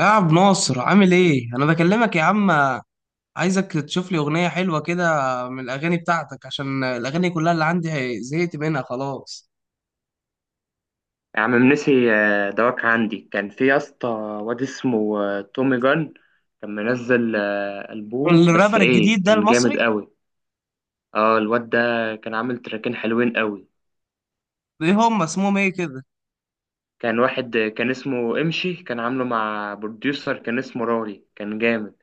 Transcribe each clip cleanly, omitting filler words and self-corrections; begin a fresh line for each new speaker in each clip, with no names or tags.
يا عبد ناصر عامل ايه؟ انا بكلمك يا عم، عايزك تشوف لي اغنية حلوة كده من الاغاني بتاعتك عشان الاغاني كلها اللي عندي زهقت منها خلاص.
يا عم منسي، دواك عندي كان في يا اسطى. واد اسمه تومي جان. كان منزل ألبوم، بس
الرابر الجديد
ايه
ده
كان جامد
المصري،
قوي. اه، الواد ده كان عامل تراكين حلوين قوي.
ايه هم اسمهم ايه كده؟
كان واحد كان اسمه امشي، كان عامله مع بروديوسر كان اسمه راري، كان جامد.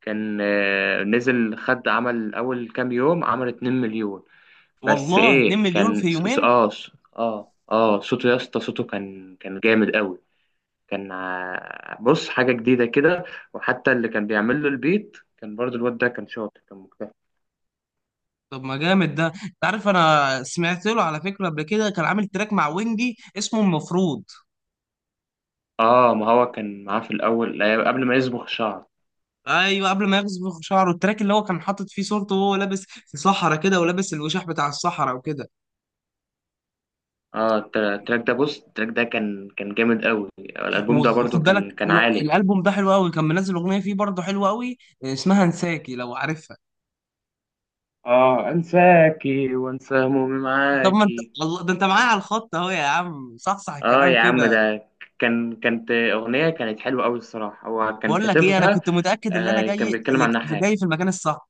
كان نزل، خد عمل اول كام يوم عمل 2 مليون. بس
والله
ايه
2 مليون
كان
في
س- س-
يومين؟
اه اه اه صوته يا اسطى، صوته كان جامد قوي. كان بص، حاجة جديدة كده. وحتى اللي كان بيعمل له البيت كان برضو الواد ده كان شاطر، كان مجتهد.
طب ما جامد ده، انت عارف انا سمعت له على فكرة قبل كده، كان عامل تراك مع وينجي اسمه المفروض.
اه، ما هو كان معاه في الأول قبل ما يصبغ شعر.
ايوه قبل ما يغزل شعره التراك اللي هو كان حاطط فيه صورته وهو لابس في صحراء كده، ولابس الوشاح بتاع الصحراء وكده.
اه، التراك ده، بص، التراك ده كان جامد قوي، الألبوم ده
وخد
برضو
بالك
كان عالي.
الالبوم ده حلو قوي، كان منزل اغنيه فيه برضه حلوه قوي اسمها انساكي لو عارفها.
اه، انساكي وانسى همومي
طب ما انت
معاكي.
الله ده انت معايا على الخط اهو يا عم، صحصح
اه
الكلام
يا عم
كده.
ده، كانت أغنية، كانت حلوة قوي الصراحة، هو كان
بقول لك ايه، انا
كاتبها.
كنت متاكد ان انا
كان بيتكلم عنها
جاي في
حاجة.
المكان الصح.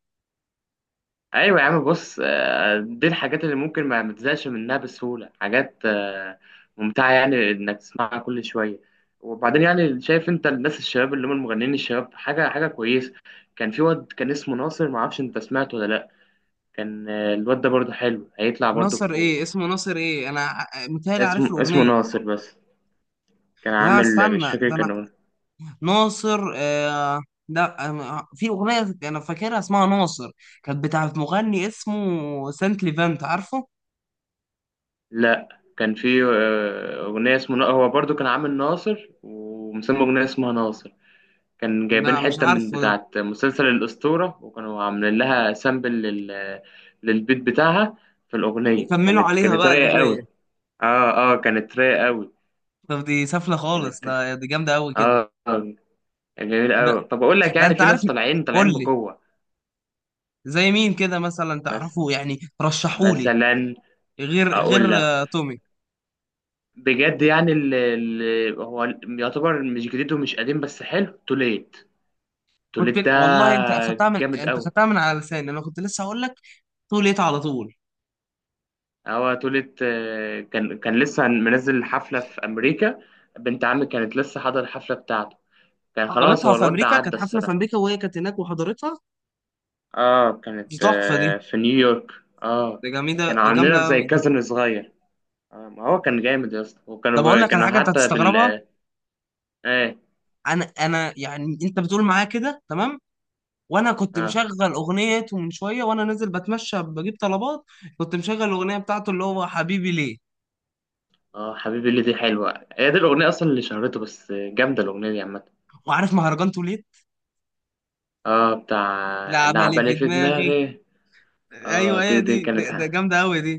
ايوه يا عم، بص، دي الحاجات اللي ممكن ما تزهقش منها بسهوله، حاجات ممتعه، يعني انك تسمعها كل شويه. وبعدين يعني شايف انت الناس الشباب اللي هم المغنيين الشباب، حاجه كويسه. كان في واد كان اسمه ناصر، ما اعرفش انت سمعته ولا لا. كان الواد ده برضه حلو، هيطلع برضه
ناصر
بقوه.
ايه؟ اسمه ناصر ايه؟ انا متهيألي
اسمه
عارف له
اسمه
اغنيه.
ناصر بس، كان
لا
عامل مش
استنى،
فاكر
ده انا
كان.
ناصر آه، لا. في اغنيه انا فاكرها اسمها ناصر، كانت بتاعت مغني اسمه سانت ليفانت، عارفه؟
لا، كان في اغنيه، اسمه هو برضه كان عامل ناصر ومسمى اغنيه اسمها ناصر. كان جايبين
لا مش
حتة من
عارفه ده.
بتاعة مسلسل الأسطورة، وكانوا عاملين لها سامبل للبيت بتاعها. في الأغنية
وكملوا
كانت
عليها
كانت
بقى
رايقة
الاغنيه.
أوي. اه، اه، كانت رايقة أوي.
طب دي سفلة خالص،
كانت
ده دي جامدة قوي كده.
اه آه، جميل
لا
أوي. طب أقول لك،
لا،
يعني
انت
في
عارف،
ناس طالعين
قول
طالعين
لي
بقوة.
زي مين كده مثلا
مثلا
تعرفه يعني، رشحوا لي.
مثلا
غير غير
أقول لك
تومي.
بجد، يعني اللي هو يعتبر مش جديد ومش قديم، بس حلو، توليت. توليت
كنت
ده
والله، انت اخدتها من،
جامد
انت
أوي.
اخدتها من على لساني، انا كنت لسه هقول لك توليت على طول.
هو تولت كان لسه منزل حفلة في أمريكا. بنت عمي كانت لسه حاضرة الحفلة بتاعته. كان خلاص،
حضرتها
هو
في
الواد ده
امريكا؟ كانت
عدى
حفله في
الصراحة.
امريكا وهي كانت هناك وحضرتها؟
اه، كانت
دي تحفه دي،
في نيويورك. اه،
دي جميله،
كانوا عاملينها
جامده
في زي
قوي دي.
كازن صغير. آه، ما هو كان جامد يا اسطى،
طب اقول
وكانوا
لك على حاجه
كانوا
انت
حتى
هتستغربها.
بال اه
انا يعني، انت بتقول معايا كده تمام، وانا كنت
اه
مشغل اغنيته من شويه وانا نازل بتمشى بجيب طلبات، كنت مشغل الاغنيه بتاعته اللي هو حبيبي ليه.
اه، حبيبي اللي دي حلوة، هي دي الأغنية أصلا اللي شهرته، بس جامدة الأغنية دي عامة.
وعارف مهرجان توليت؟
اه،
لا،
بتاع
عمل ايه
لعبة
في
لي في
دماغي؟
دماغي.
ايوه
اه،
هي
دي
دي، ده،
كانت.
ده جامده قوي دي.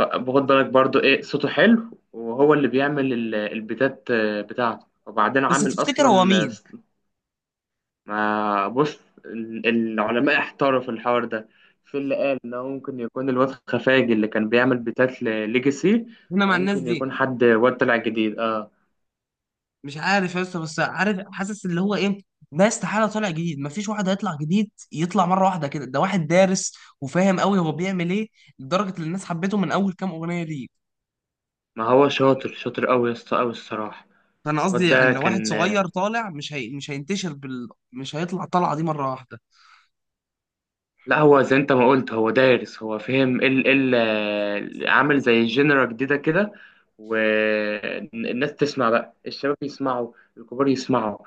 باخد بالك برضو ايه صوته حلو، وهو اللي بيعمل البيتات بتاعته. وبعدين
بس
عامل
تفتكر هو
اصلا آه،
مين؟
ص- ما بص، العلماء احتاروا في الحوار ده. في اللي قال انه ممكن يكون الواد خفاجي اللي كان بيعمل بيتات لليجاسي،
هنا مع
او
الناس
ممكن
دي؟
يكون حد واد طلع جديد اه
مش عارف يا اسطى، بس عارف، حاسس اللي هو ايه. ده استحاله طالع جديد، مفيش واحد هيطلع جديد يطلع مره واحده كده، ده واحد دارس وفاهم قوي هو بيعمل ايه، لدرجه ان الناس حبيته من اول كام اغنيه ليه.
ما هو شاطر، شاطر قوي يا اسطى، قوي الصراحه.
فانا قصدي
الواد
يعني
ده
لو واحد
كان.
صغير طالع، مش هينتشر بال... مش هيطلع الطلعه دي مره واحده.
لا، هو زي انت ما قلت، هو دارس، هو فهم ال إيه ال، عامل زي جنرا جديدة كده. والناس تسمع بقى، الشباب يسمعوا، الكبار يسمعوا،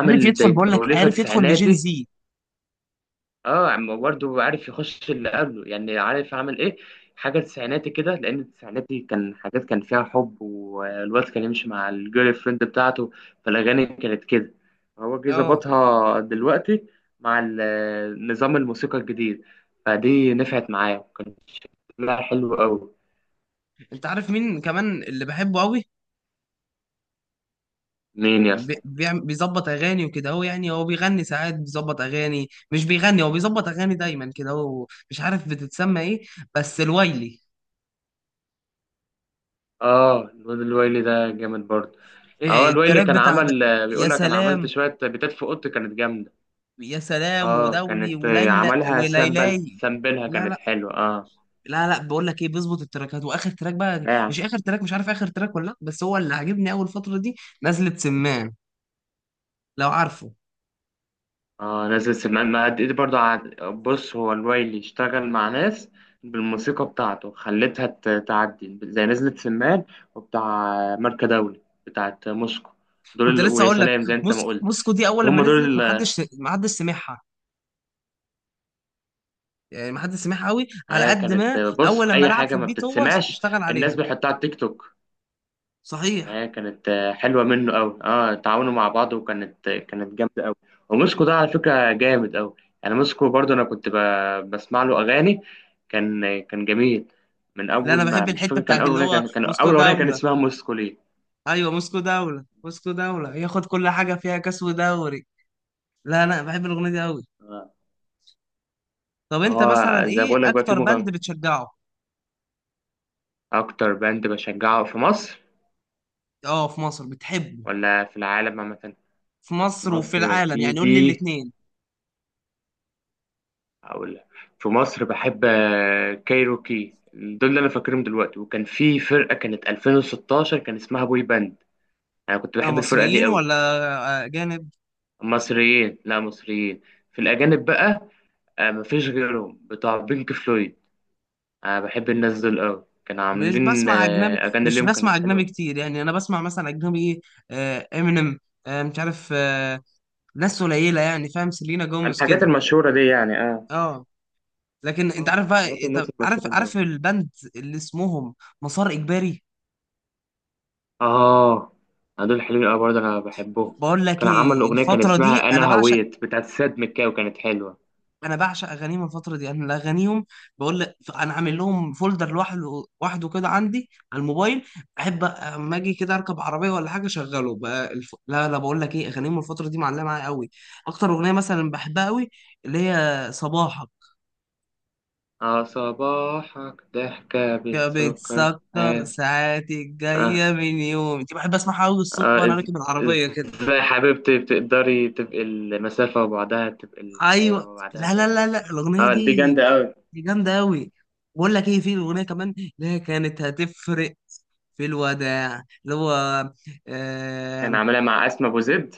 عارف يدخل،
زي
بقول لك
توليفة
عارف يدخل لجين
تسعيناتي.
زي.
اه، عم برضه عارف يخش اللي قبله، يعني عارف عامل ايه. حاجه تسعيناتي كده، لان التسعيناتي كان حاجات كان فيها حب، والواد كان يمشي مع الجيرل فريند بتاعته، فالاغاني كانت كده. هو جه
اه.
ظبطها دلوقتي مع نظام الموسيقى الجديد، فدي نفعت معايا وكان شكلها حلو قوي.
انت عارف مين كمان اللي بحبه قوي؟
مين يا اسطى؟
بيظبط اغاني وكده، هو يعني هو بيغني ساعات، بيظبط اغاني مش بيغني، هو بيظبط اغاني دايما كده، هو مش عارف بتتسمى ايه، بس الويلي.
اه، الواد الويلي ده جامد برضه. اه،
إيه
الويلي
التراك
كان
بتاع ده؟
عمل،
يا
بيقول لك انا عملت
سلام،
شويه بيتات في اوضتي كانت جامده.
يا سلام
اه،
ودولي
كانت
وليلى
عملها سامبل
وليلاي.
سامبلها
لا لا
كانت حلوة، اه.
لا بقول لك ايه، بيظبط التراكات، واخر تراك بقى،
لا،
مش اخر تراك، مش عارف اخر تراك ولا لا، بس هو اللي عاجبني اول فتره دي نزله سمان، لو عارفه.
اه، نزل سمان، ما دي برضه بص، هو الوايلي اشتغل مع ناس بالموسيقى بتاعته خلتها تعدي زي نزلة سمان، وبتاع ماركة دولي بتاعت موسكو، دول
كنت لسه
ويا
اقول لك،
سلام زي انت ما
موسكو
قلت.
موسكو دي، اول لما
هم دول
نزلت ما
اللي
حدش ما حدش سمعها، يعني ما حدش سمعها قوي
كانت
على
آه،
قد
كانت
ما
بص،
اول لما
اي
لعب في
حاجة ما
البيت هو
بتتسمعش،
اشتغل
الناس
عليها.
بيحطها على التيك توك.
صحيح.
ما هي كانت حلوة منه أوي، اه، تعاونوا مع بعض، وكانت كانت جامدة أوي. وموسكو ده على فكرة جامد أوي، يعني موسكو برضو أنا كنت بسمع له أغاني. كان جميل. من
لا انا
أول ما
بحب
مش
الحته
فاكر كان
بتاعت
أول
اللي
أغنية
هو
كان
موسكو
أول أغنية كان
دوله.
اسمها موسكو ليه.
ايوه موسكو دوله، موسكو دوله ياخد كل حاجه فيها كاس ودوري. لا لا، بحب الاغنيه دي قوي.
آه.
طب انت
هو
مثلا
زي ما
ايه
بقول لك بقى في
اكتر باند
مغني.
بتشجعه؟
أكتر باند بشجعه في مصر،
اه، في مصر بتحبه؟
ولا في العالم عامة؟
في
في
مصر وفي
مصر يا
العالم يعني، قول لي
سيدي.
الاثنين.
هقول لك. في مصر بحب كايروكي، دول اللي انا فاكرهم دلوقتي. وكان في فرقه كانت 2016 كان اسمها بوي باند، انا كنت
لا
بحب الفرقه دي
مصريين
قوي.
ولا اجانب؟
مصريين، لا، مصريين. في الاجانب بقى، مفيش غيرهم بتوع بينك فلويد، انا بحب الناس دول قوي. كانوا
مش
عاملين
بسمع اجنبي،
اغاني
مش
ليهم كانت
بسمع اجنبي
حلوه.
كتير يعني، انا بسمع مثلا اجنبي ايه، امينيم، مش عارف، ناس قليله يعني، فاهم، سيلينا جوميز
الحاجات
كده.
المشهوره دي يعني، اه.
اه. لكن انت
اه،
عارف
حاجات
بقى،
الناس
انت عارف،
المشهوره
عارف
دول.
البند اللي اسمهم مسار اجباري؟
اه، دول حلوين قوي برضه، انا بحبهم.
بقول لك
كان
ايه،
عمل اغنيه كان
الفتره دي
اسمها انا
انا بعشق،
هويت بتاعت سيد مكاوي، كانت حلوه.
انا بعشق اغانيهم، الفتره دي انا اغانيهم، بقول لك انا عامل لهم فولدر لوحده كده عندي على الموبايل، احب اما اجي كده اركب عربيه ولا حاجه اشغله بقى لا لا، بقول لك ايه، اغانيهم الفتره دي معلقه معايا قوي. اكتر اغنيه مثلا بحبها قوي اللي هي صباحك،
اه، صباحك ضحكة
يا
بتسكر
بتسكر
حال.
ساعاتي
اه،
الجايه من يوم دي، بحب اسمعها قوي الصبح
اه
وانا
إز...
راكب العربيه كده.
ازاي حبيبتي بتقدري تبقي المسافة، وبعدها تبقى الحياة،
ايوه،
وبعدها
لا لا
تبقى ال...
لا لا الاغنيه
اه، دي
دي،
جامدة أوي.
دي جامدة أوي. بقول لك إيه، في أغنية كمان اللي هي كانت هتفرق في الوداع اللي هو
كان
آه.
عاملها مع أسماء أبو زيد.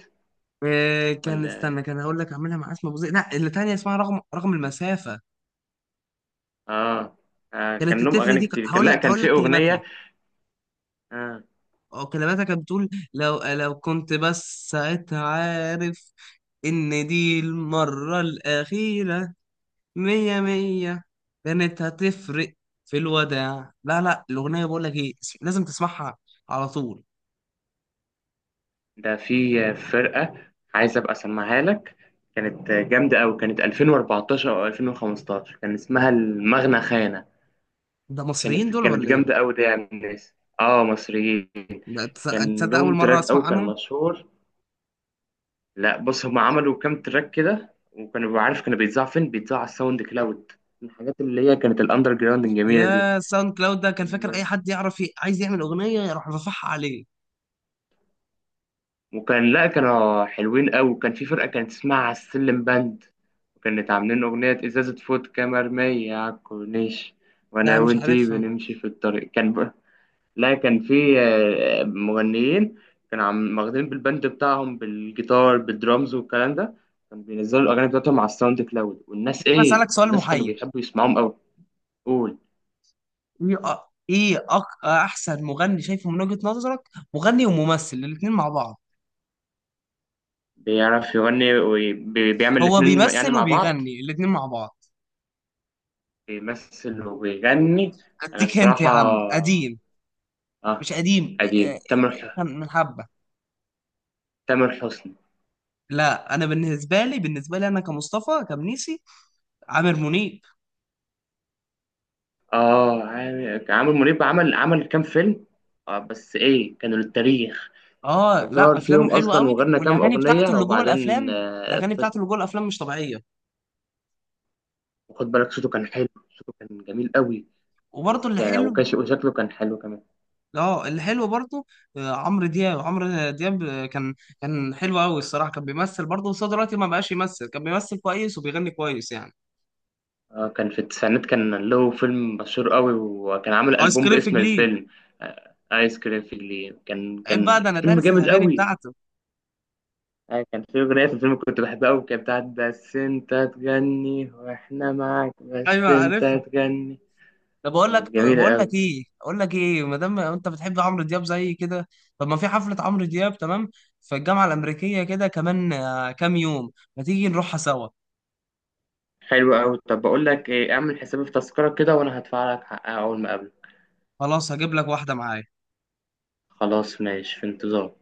آه كان،
ولا،
استنى، كان هقول لك أعملها مع اسم أبو زيد، لا اللي تانية اسمها رغم المسافة،
اه، آه،
كانت
كان لهم
هتفرق
أغاني
دي،
كتير، كان
هقول
لأ،
لك،
كان
هقول لك
في
كلماتها،
أغنية. اه،
أو كلماتها كانت بتقول: لو كنت بس ساعتها عارف إن دي المرة الأخيرة. مية مية، كانت هتفرق في الوداع، لا لا، الأغنية بقول لك إيه، لازم تسمعها على طول.
ده في فرقة، عايز أبقى أسمعها لك، كانت جامدة أوي، كانت 2014 أو 2015 كان اسمها المغنى خانة.
ده مصريين
كانت
دول
كانت
ولا ايه؟
جامدة أوي دي يا الناس. اه، مصريين.
ده انت
كان
تصدق اول
لهم
مره
تراك
اسمع
أوي كان
عنهم؟
مشهور. لا، بص، هم عملوا كام تراك كده، وكانوا عارف كانوا بيتذاعوا فين؟ بيتذاعوا على الساوند كلاود، من الحاجات اللي هي كانت الأندر جراوند الجميلة دي.
يا ساوند كلاود ده، كان فاكر اي
كان.
حد يعرف عايز يعمل اغنيه يروح رافعها عليه.
وكان لا، كانوا حلوين أوي، وكان في فرقة كانت اسمها السلم باند، وكانت عاملين أغنية إزازة فودكا مرمية على الكورنيش،
ده
وأنا
مش
وأنتي
عارف انا.
بنمشي في الطريق كان. لا كان في مغنيين كانوا عم واخدين بالبند بتاعهم، بالجيتار، بالدرامز والكلام ده، كانوا بينزلوا الأغاني بتاعتهم على الساوند كلاود، والناس إيه،
اسالك سؤال
والناس كانوا
محير:
بيحبوا يسمعوهم أوي. قول.
ايه أ- احسن مغني شايفه من وجهه نظرك مغني وممثل الاثنين مع بعض؟
بيعرف يغني وبيعمل
هو
الاتنين يعني
بيمثل
مع بعض،
وبيغني الاثنين مع بعض.
بيمثل وبيغني. أنا
اديك هنت
الصراحة،
يا عم، قديم؟
آه،
مش قديم،
قديم
كان من حبه.
تامر حسني.
لا، انا بالنسبه لي، بالنسبه لي انا كمصطفى كمنيسي، عامر منيب.
آه، عامر منيب، عمل كام فيلم. آه بس إيه، كانوا للتاريخ.
اه، لا
ظهر
افلامه
فيهم
حلوه
اصلا
قوي،
وغنى كام
والاغاني
اغنيه،
بتاعته اللي جوه
وبعدين
الافلام،
آه،
الاغاني
فت-
بتاعته اللي جوه الافلام مش طبيعيه.
خد بالك صوته كان حلو، صوته كان جميل قوي.
وبرضه
تحس
اللي
يعني،
حلو،
وكان وشكله كان حلو كمان.
اه اللي حلو برضه عمرو دياب، عمرو دياب كان، كان حلو قوي الصراحه، كان بيمثل برضه بس هو دلوقتي ما بقاش يمثل، كان بيمثل كويس وبيغني كويس يعني.
كان في التسعينات كان له فيلم مشهور قوي، وكان عامل
ايس
البوم
كريم في
باسم
جليم؟
الفيلم. ايس كريم في الليل، كان
عيب
كان
بقى، ده انا
فيلم
دارس
جامد
الاغاني
قوي.
بتاعته.
كان في اغنيه في الفيلم كنت بحبها قوي، كانت بتاعت بس انت تغني واحنا معاك،
ايوه
بس انت
عارفها.
تغني،
ده بقول
كانت
لك،
جميله
بقول لك
قوي.
ايه، اقول لك ايه، ما دام انت بتحب عمرو دياب زي كده، طب ما في حفله عمرو دياب تمام، في الجامعه الامريكيه كده كمان كام يوم، ما تيجي نروحها سوا؟
حلو قوي، طب بقول لك ايه، اعمل حسابي في تذكره كده، وانا هدفع لك حقها اول ما اقابلك.
خلاص هجيب لك واحدة معايا.
خلاص ماشي، في انتظار.